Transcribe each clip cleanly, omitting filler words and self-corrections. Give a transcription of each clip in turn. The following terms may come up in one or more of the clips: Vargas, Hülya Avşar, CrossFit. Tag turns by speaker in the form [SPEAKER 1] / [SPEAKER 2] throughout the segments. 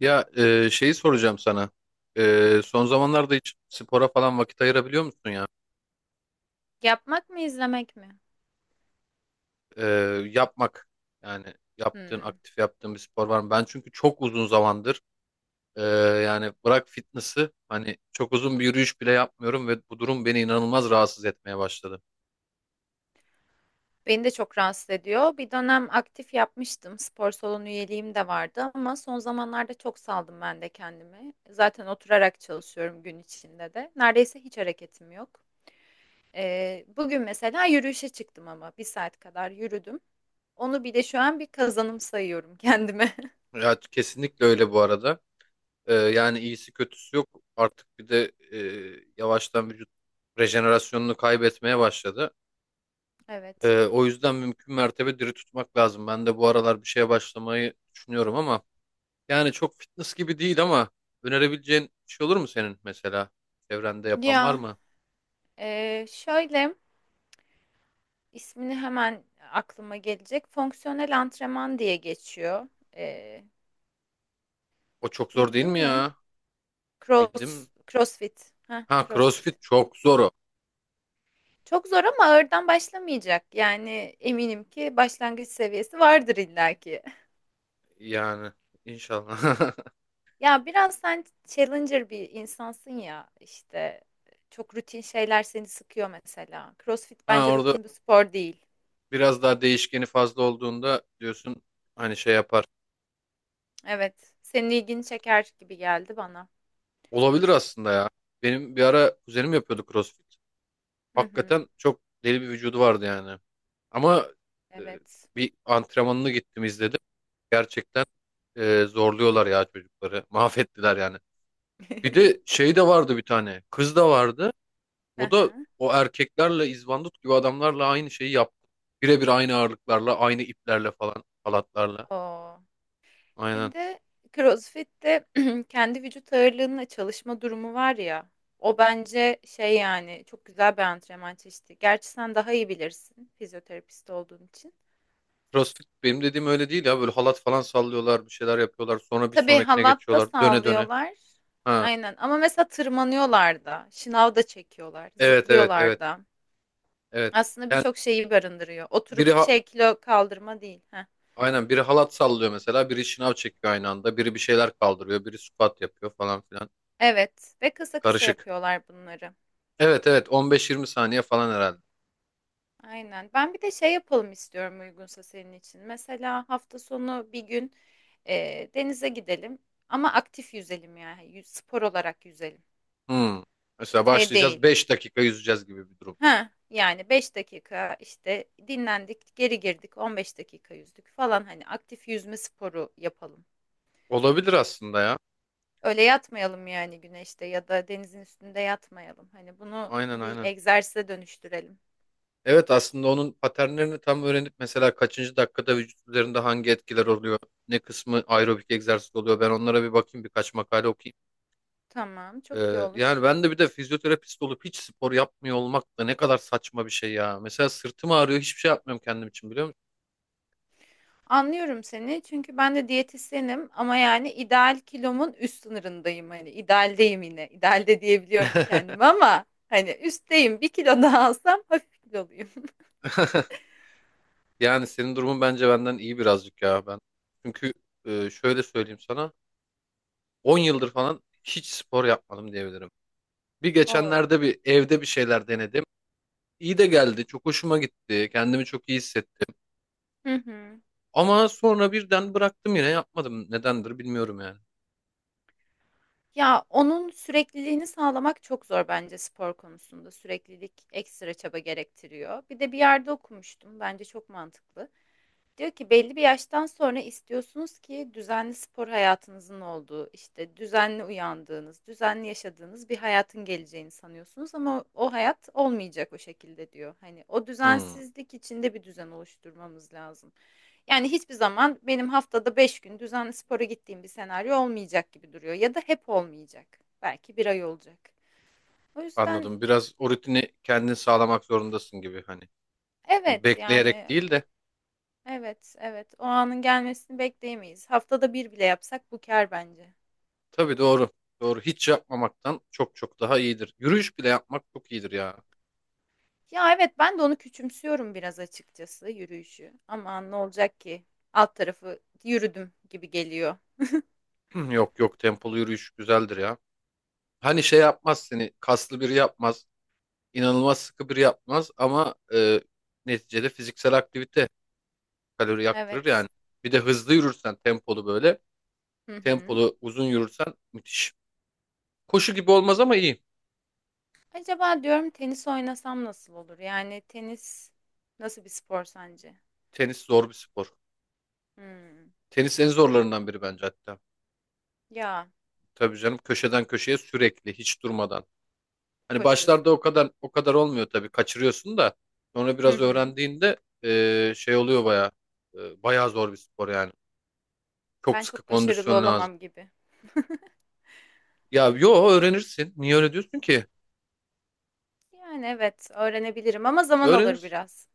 [SPEAKER 1] Ya şeyi soracağım sana. Son zamanlarda hiç spora falan vakit ayırabiliyor musun ya?
[SPEAKER 2] Yapmak mı izlemek mi?
[SPEAKER 1] E, Yapmak. Yani yaptığın
[SPEAKER 2] Hmm.
[SPEAKER 1] aktif yaptığın bir spor var mı? Ben çünkü çok uzun zamandır e, yani bırak fitness'ı, hani çok uzun bir yürüyüş bile yapmıyorum ve bu durum beni inanılmaz rahatsız etmeye başladı.
[SPEAKER 2] Beni de çok rahatsız ediyor. Bir dönem aktif yapmıştım. Spor salonu üyeliğim de vardı ama son zamanlarda çok saldım ben de kendimi. Zaten oturarak çalışıyorum gün içinde de. Neredeyse hiç hareketim yok. Bugün mesela yürüyüşe çıktım ama bir saat kadar yürüdüm. Onu bile şu an bir kazanım sayıyorum kendime.
[SPEAKER 1] Ya kesinlikle öyle bu arada. Yani iyisi kötüsü yok. Artık bir de yavaştan vücut rejenerasyonunu kaybetmeye başladı.
[SPEAKER 2] Evet.
[SPEAKER 1] O yüzden mümkün mertebe diri tutmak lazım. Ben de bu aralar bir şeye başlamayı düşünüyorum ama yani çok fitness gibi değil ama önerebileceğin bir şey olur mu senin mesela? Çevrende yapan var
[SPEAKER 2] Ya
[SPEAKER 1] mı?
[SPEAKER 2] şöyle ismini hemen aklıma gelecek. Fonksiyonel antrenman diye geçiyor. E,
[SPEAKER 1] O çok zor değil mi
[SPEAKER 2] Bildin mi?
[SPEAKER 1] ya? Bildim.
[SPEAKER 2] Cross, CrossFit. Ha,
[SPEAKER 1] Ha, CrossFit
[SPEAKER 2] CrossFit.
[SPEAKER 1] çok zor o.
[SPEAKER 2] Çok zor ama ağırdan başlamayacak. Yani eminim ki başlangıç seviyesi vardır illaki.
[SPEAKER 1] Yani inşallah.
[SPEAKER 2] Ya biraz sen challenger bir insansın ya işte çok rutin şeyler seni sıkıyor mesela. CrossFit
[SPEAKER 1] Ha,
[SPEAKER 2] bence
[SPEAKER 1] orada
[SPEAKER 2] rutin bir spor değil.
[SPEAKER 1] biraz daha değişkeni fazla olduğunda diyorsun, hani şey yapar.
[SPEAKER 2] Evet, senin ilgini çeker gibi geldi bana.
[SPEAKER 1] Olabilir aslında ya. Benim bir ara kuzenim yapıyordu CrossFit.
[SPEAKER 2] Hı hı.
[SPEAKER 1] Hakikaten çok deli bir vücudu vardı yani. Ama e,
[SPEAKER 2] Evet.
[SPEAKER 1] bir antrenmanını gittim izledim. Gerçekten zorluyorlar ya çocukları. Mahvettiler yani. Bir de şey de vardı bir tane. Kız da vardı.
[SPEAKER 2] Hı
[SPEAKER 1] O da
[SPEAKER 2] hı.
[SPEAKER 1] o erkeklerle, izbandut gibi adamlarla aynı şeyi yaptı. Birebir aynı ağırlıklarla, aynı iplerle falan, halatlarla.
[SPEAKER 2] Oo. Bir
[SPEAKER 1] Aynen.
[SPEAKER 2] de CrossFit'te kendi vücut ağırlığınla çalışma durumu var ya. O bence şey yani çok güzel bir antrenman çeşidi. Gerçi sen daha iyi bilirsin fizyoterapist olduğun için.
[SPEAKER 1] CrossFit benim dediğim öyle değil ya. Böyle halat falan sallıyorlar, bir şeyler yapıyorlar. Sonra bir
[SPEAKER 2] Tabii
[SPEAKER 1] sonrakine
[SPEAKER 2] halat da
[SPEAKER 1] geçiyorlar. Döne döne.
[SPEAKER 2] sağlıyorlar.
[SPEAKER 1] Ha.
[SPEAKER 2] Aynen ama mesela tırmanıyorlar da, şınav da çekiyorlar,
[SPEAKER 1] Evet, evet,
[SPEAKER 2] zıplıyorlar
[SPEAKER 1] evet,
[SPEAKER 2] da.
[SPEAKER 1] evet.
[SPEAKER 2] Aslında
[SPEAKER 1] Yani
[SPEAKER 2] birçok şeyi barındırıyor.
[SPEAKER 1] biri
[SPEAKER 2] Oturup
[SPEAKER 1] ha-
[SPEAKER 2] şey kilo kaldırma değil. Heh.
[SPEAKER 1] Aynen, biri halat sallıyor mesela, biri şınav çekiyor aynı anda, biri bir şeyler kaldırıyor, biri squat yapıyor falan filan.
[SPEAKER 2] Evet ve kısa kısa
[SPEAKER 1] Karışık.
[SPEAKER 2] yapıyorlar bunları.
[SPEAKER 1] Evet, evet, 15-20 saniye falan herhalde.
[SPEAKER 2] Aynen. Ben bir de şey yapalım istiyorum uygunsa senin için. Mesela hafta sonu bir gün denize gidelim ama aktif yüzelim yani. Spor olarak yüzelim.
[SPEAKER 1] Hmm. Mesela
[SPEAKER 2] Şey
[SPEAKER 1] başlayacağız,
[SPEAKER 2] değil.
[SPEAKER 1] 5 dakika yüzeceğiz gibi bir durum.
[SPEAKER 2] Ha yani 5 dakika işte dinlendik, geri girdik, 15 dakika yüzdük falan hani aktif yüzme sporu yapalım.
[SPEAKER 1] Olabilir aslında ya.
[SPEAKER 2] Öyle yatmayalım yani güneşte ya da denizin üstünde yatmayalım. Hani bunu
[SPEAKER 1] Aynen,
[SPEAKER 2] bir
[SPEAKER 1] aynen.
[SPEAKER 2] egzersize dönüştürelim.
[SPEAKER 1] Evet, aslında onun paternlerini tam öğrenip mesela kaçıncı dakikada vücut üzerinde hangi etkiler oluyor, ne kısmı aerobik egzersiz oluyor, ben onlara bir bakayım, birkaç makale okuyayım.
[SPEAKER 2] Tamam, çok iyi
[SPEAKER 1] Yani
[SPEAKER 2] olur.
[SPEAKER 1] ben de bir de fizyoterapist olup hiç spor yapmıyor olmak da ne kadar saçma bir şey ya. Mesela sırtım ağrıyor, hiçbir şey yapmıyorum kendim için, biliyor musun?
[SPEAKER 2] Anlıyorum seni çünkü ben de diyetisyenim ama yani ideal kilomun üst sınırındayım hani idealdeyim yine idealde diyebiliyorum kendime ama hani üstteyim bir kilo daha alsam hafif kiloluyum.
[SPEAKER 1] Yani senin durumun bence benden iyi birazcık ya, ben çünkü şöyle söyleyeyim sana, 10 yıldır falan hiç spor yapmadım diyebilirim. Bir
[SPEAKER 2] Oo.
[SPEAKER 1] geçenlerde bir evde bir şeyler denedim. İyi de geldi, çok hoşuma gitti, kendimi çok iyi hissettim.
[SPEAKER 2] Hı hı.
[SPEAKER 1] Ama sonra birden bıraktım, yine yapmadım, nedendir bilmiyorum yani.
[SPEAKER 2] Ya onun sürekliliğini sağlamak çok zor bence spor konusunda süreklilik ekstra çaba gerektiriyor. Bir de bir yerde okumuştum bence çok mantıklı. Diyor ki belli bir yaştan sonra istiyorsunuz ki düzenli spor hayatınızın olduğu, işte düzenli uyandığınız, düzenli yaşadığınız bir hayatın geleceğini sanıyorsunuz ama o hayat olmayacak o şekilde diyor. Hani o
[SPEAKER 1] Hmm,
[SPEAKER 2] düzensizlik içinde bir düzen oluşturmamız lazım. Yani hiçbir zaman benim haftada 5 gün düzenli spora gittiğim bir senaryo olmayacak gibi duruyor ya da hep olmayacak. Belki bir ay olacak. O yüzden
[SPEAKER 1] anladım, biraz o rutini kendin sağlamak zorundasın gibi hani. Bunu
[SPEAKER 2] evet yani.
[SPEAKER 1] bekleyerek değil de,
[SPEAKER 2] Evet, evet. O anın gelmesini bekleyemeyiz. Haftada bir bile yapsak bu kâr bence.
[SPEAKER 1] tabii, doğru. Doğru, hiç yapmamaktan çok çok daha iyidir. Yürüyüş bile yapmak çok iyidir ya.
[SPEAKER 2] Ya evet ben de onu küçümsüyorum biraz açıkçası yürüyüşü. Aman ne olacak ki? Alt tarafı yürüdüm gibi geliyor.
[SPEAKER 1] Yok yok, tempolu yürüyüş güzeldir ya. Hani şey yapmaz, seni kaslı biri yapmaz, inanılmaz sıkı biri yapmaz ama neticede fiziksel aktivite kalori yaktırır
[SPEAKER 2] Evet.
[SPEAKER 1] yani. Bir de hızlı yürürsen, tempolu böyle
[SPEAKER 2] Hı hı.
[SPEAKER 1] tempolu uzun yürürsen müthiş. Koşu gibi olmaz ama iyi.
[SPEAKER 2] Acaba diyorum tenis oynasam nasıl olur? Yani tenis nasıl bir spor sence?
[SPEAKER 1] Tenis zor bir spor.
[SPEAKER 2] Hmm.
[SPEAKER 1] Tenis en zorlarından biri bence hatta.
[SPEAKER 2] Ya
[SPEAKER 1] Tabii canım, köşeden köşeye sürekli hiç durmadan. Hani başlarda
[SPEAKER 2] koşuyorsun.
[SPEAKER 1] o kadar o kadar olmuyor tabii, kaçırıyorsun da sonra
[SPEAKER 2] Hı
[SPEAKER 1] biraz
[SPEAKER 2] hı.
[SPEAKER 1] öğrendiğinde şey oluyor bayağı. Bayağı zor bir spor yani. Çok
[SPEAKER 2] Ben
[SPEAKER 1] sıkı
[SPEAKER 2] çok başarılı
[SPEAKER 1] kondisyon lazım.
[SPEAKER 2] olamam gibi.
[SPEAKER 1] Ya yo, öğrenirsin. Niye öyle diyorsun ki?
[SPEAKER 2] Yani evet öğrenebilirim ama zaman alır
[SPEAKER 1] Öğrenirsin.
[SPEAKER 2] biraz.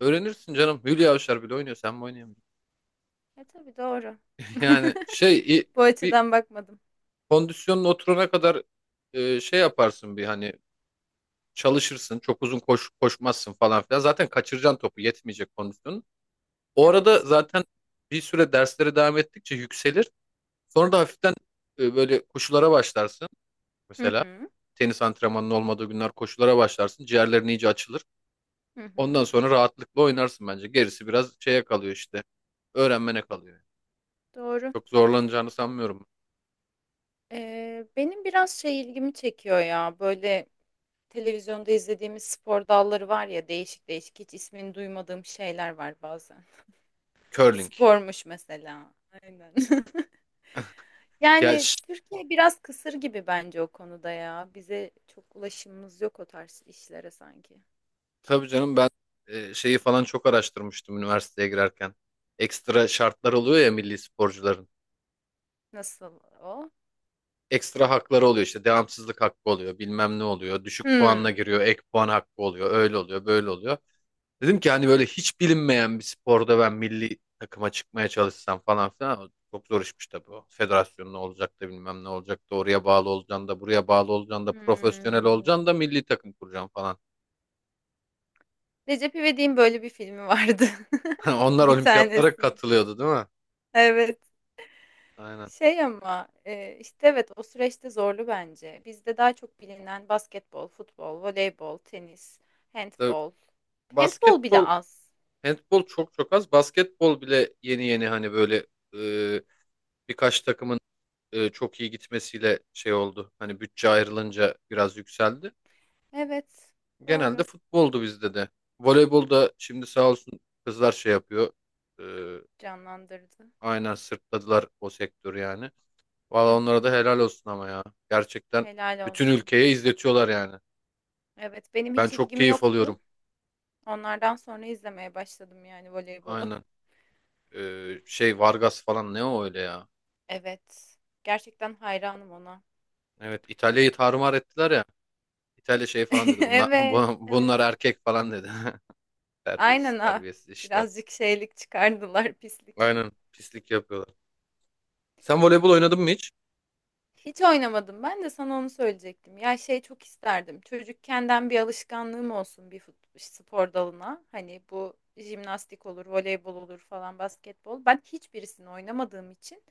[SPEAKER 1] Öğrenirsin canım. Hülya Avşar bile oynuyor. Sen mi oynayamayacaksın?
[SPEAKER 2] E tabii doğru.
[SPEAKER 1] Yani şey i-
[SPEAKER 2] Bu
[SPEAKER 1] Bir
[SPEAKER 2] açıdan bakmadım.
[SPEAKER 1] kondisyonun oturana kadar şey yaparsın bir, hani çalışırsın. Çok uzun koş, koşmazsın falan filan. Zaten kaçıracaksın topu. Yetmeyecek kondisyonun. O arada
[SPEAKER 2] Evet.
[SPEAKER 1] zaten bir süre derslere devam ettikçe yükselir. Sonra da hafiften böyle koşulara başlarsın
[SPEAKER 2] Hı
[SPEAKER 1] mesela.
[SPEAKER 2] hı.
[SPEAKER 1] Tenis antrenmanının olmadığı günler koşulara başlarsın. Ciğerlerin iyice açılır.
[SPEAKER 2] Hı
[SPEAKER 1] Ondan
[SPEAKER 2] hı.
[SPEAKER 1] sonra rahatlıkla oynarsın bence. Gerisi biraz şeye kalıyor işte. Öğrenmene kalıyor.
[SPEAKER 2] Doğru.
[SPEAKER 1] Çok zorlanacağını sanmıyorum.
[SPEAKER 2] Benim biraz şey ilgimi çekiyor ya böyle televizyonda izlediğimiz spor dalları var ya değişik değişik hiç ismini duymadığım şeyler var bazen.
[SPEAKER 1] Curling.
[SPEAKER 2] Spormuş mesela. Aynen.
[SPEAKER 1] Ya
[SPEAKER 2] Yani
[SPEAKER 1] ş-
[SPEAKER 2] Türkiye biraz kısır gibi bence o konuda ya. Bize çok ulaşımımız yok o tarz işlere sanki.
[SPEAKER 1] tabii canım, ben şeyi falan çok araştırmıştım üniversiteye girerken. Ekstra şartlar oluyor ya milli sporcuların.
[SPEAKER 2] Nasıl o?
[SPEAKER 1] Ekstra hakları oluyor işte, devamsızlık hakkı oluyor, bilmem ne oluyor, düşük puanla
[SPEAKER 2] Hmm.
[SPEAKER 1] giriyor, ek puan hakkı oluyor, öyle oluyor, böyle oluyor. Dedim ki hani böyle hiç bilinmeyen bir sporda ben milli takıma çıkmaya çalışsam falan filan, çok zor işmiş tabii o. Federasyon ne olacak da, bilmem ne olacak da, oraya bağlı olacaksın da, buraya bağlı olacaksın da, profesyonel
[SPEAKER 2] Hmm.
[SPEAKER 1] olacaksın da, milli takım kuracaksın falan.
[SPEAKER 2] Recep İvedik'in böyle bir filmi vardı.
[SPEAKER 1] Onlar
[SPEAKER 2] Bir
[SPEAKER 1] olimpiyatlara
[SPEAKER 2] tanesini.
[SPEAKER 1] katılıyordu değil mi?
[SPEAKER 2] Evet.
[SPEAKER 1] Aynen.
[SPEAKER 2] Şey ama, işte, evet, o süreçte zorlu bence. Bizde daha çok bilinen basketbol, futbol, voleybol, tenis,
[SPEAKER 1] Tabii
[SPEAKER 2] handbol. Handbol bile
[SPEAKER 1] basketbol,
[SPEAKER 2] az.
[SPEAKER 1] handbol çok çok az. Basketbol bile yeni yeni hani böyle e, birkaç takımın çok iyi gitmesiyle şey oldu. Hani bütçe ayrılınca biraz yükseldi.
[SPEAKER 2] Evet,
[SPEAKER 1] Genelde
[SPEAKER 2] doğru.
[SPEAKER 1] futboldu bizde de. Voleybolda şimdi sağ olsun kızlar şey yapıyor. Ee,
[SPEAKER 2] Canlandırdı.
[SPEAKER 1] aynen, sırtladılar o sektörü yani.
[SPEAKER 2] Hı
[SPEAKER 1] Valla
[SPEAKER 2] hı.
[SPEAKER 1] onlara da helal olsun ama ya. Gerçekten
[SPEAKER 2] Helal
[SPEAKER 1] bütün
[SPEAKER 2] olsun.
[SPEAKER 1] ülkeye izletiyorlar yani.
[SPEAKER 2] Evet, benim
[SPEAKER 1] Ben
[SPEAKER 2] hiç
[SPEAKER 1] çok
[SPEAKER 2] ilgim
[SPEAKER 1] keyif
[SPEAKER 2] yoktu.
[SPEAKER 1] alıyorum.
[SPEAKER 2] Onlardan sonra izlemeye başladım yani voleybolu.
[SPEAKER 1] Aynen. Şey Vargas falan, ne o öyle ya.
[SPEAKER 2] Evet. Gerçekten hayranım ona.
[SPEAKER 1] Evet, İtalya'yı tarumar ettiler ya. İtalya şey falan dedi. Bunlar,
[SPEAKER 2] Evet, evet.
[SPEAKER 1] bunlar erkek falan dedi. Terbiyesiz
[SPEAKER 2] Aynen ha.
[SPEAKER 1] terbiyesiz işler.
[SPEAKER 2] Birazcık şeylik çıkardılar, pislik.
[SPEAKER 1] Aynen, pislik yapıyorlar. Sen voleybol oynadın mı hiç?
[SPEAKER 2] Hiç oynamadım. Ben de sana onu söyleyecektim. Ya şey çok isterdim. Çocukkenden bir alışkanlığım olsun bir spor dalına. Hani bu jimnastik olur, voleybol olur falan, basketbol. Ben hiçbirisini oynamadığım için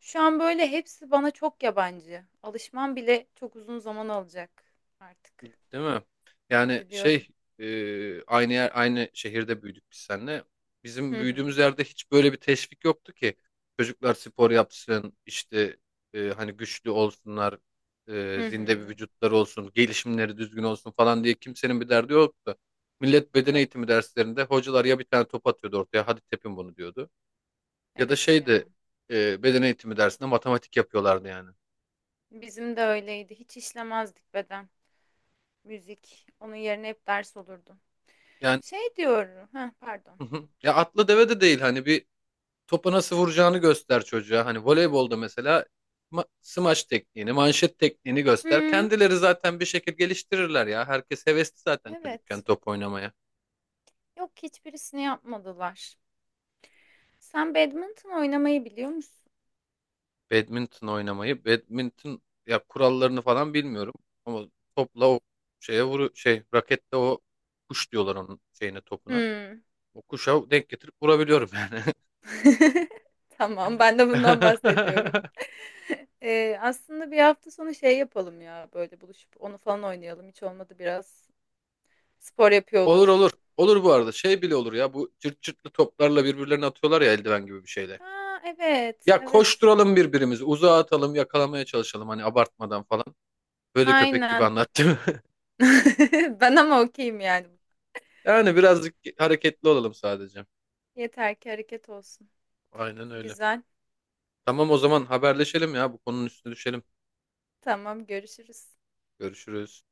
[SPEAKER 2] şu an böyle hepsi bana çok yabancı. Alışmam bile çok uzun zaman alacak artık.
[SPEAKER 1] Değil mi? Yani
[SPEAKER 2] Üzülüyorum.
[SPEAKER 1] şey, aynı yer, aynı şehirde büyüdük biz seninle. Bizim
[SPEAKER 2] Hı hı.
[SPEAKER 1] büyüdüğümüz yerde hiç böyle bir teşvik yoktu ki. Çocuklar spor yapsın işte, hani güçlü olsunlar,
[SPEAKER 2] Hı hı.
[SPEAKER 1] zinde bir vücutları olsun, gelişimleri düzgün olsun falan diye kimsenin bir derdi yoktu. Millet beden
[SPEAKER 2] Yok.
[SPEAKER 1] eğitimi derslerinde hocalar ya bir tane top atıyordu ortaya, hadi tepin bunu diyordu. Ya da
[SPEAKER 2] Evet
[SPEAKER 1] şeydi,
[SPEAKER 2] ya.
[SPEAKER 1] beden eğitimi dersinde matematik yapıyorlardı yani.
[SPEAKER 2] Bizim de öyleydi. Hiç işlemezdik beden. Müzik. Onun yerine hep ders olurdu.
[SPEAKER 1] Yani
[SPEAKER 2] Şey diyorum. Ha, pardon.
[SPEAKER 1] ya, atlı deve de değil, hani bir topa nasıl vuracağını göster çocuğa. Hani voleybolda mesela smaç tekniğini, manşet tekniğini göster.
[SPEAKER 2] Hmm,
[SPEAKER 1] Kendileri zaten bir şekilde geliştirirler ya. Herkes hevesli zaten çocukken
[SPEAKER 2] evet.
[SPEAKER 1] top oynamaya.
[SPEAKER 2] Yok hiçbirisini yapmadılar. Sen badminton oynamayı biliyor musun?
[SPEAKER 1] Badminton oynamayı, badminton ya kurallarını falan bilmiyorum ama topla o şeye vuru, şey rakette, o kuş diyorlar onun şeyine, topuna.
[SPEAKER 2] Hmm.
[SPEAKER 1] O kuşa denk getirip vurabiliyorum yani.
[SPEAKER 2] Tamam, ben de bundan bahsediyorum. Aslında bir hafta sonu şey yapalım ya böyle buluşup onu falan oynayalım. Hiç olmadı biraz spor yapıyor
[SPEAKER 1] Olur
[SPEAKER 2] oluruz.
[SPEAKER 1] olur. Olur bu arada. Şey bile olur ya, bu cırt cırtlı toplarla birbirlerine atıyorlar ya, eldiven gibi bir şeyle.
[SPEAKER 2] Aa, evet,
[SPEAKER 1] Ya
[SPEAKER 2] evet.
[SPEAKER 1] koşturalım birbirimizi, uzağa atalım, yakalamaya çalışalım hani, abartmadan falan. Böyle köpek gibi
[SPEAKER 2] Aynen.
[SPEAKER 1] anlattım.
[SPEAKER 2] Ben ama okeyim yani.
[SPEAKER 1] Yani birazcık hareketli olalım sadece.
[SPEAKER 2] Yeter ki hareket olsun.
[SPEAKER 1] Aynen öyle.
[SPEAKER 2] Güzel.
[SPEAKER 1] Tamam, o zaman haberleşelim ya, bu konunun üstüne düşelim.
[SPEAKER 2] Tamam, görüşürüz.
[SPEAKER 1] Görüşürüz.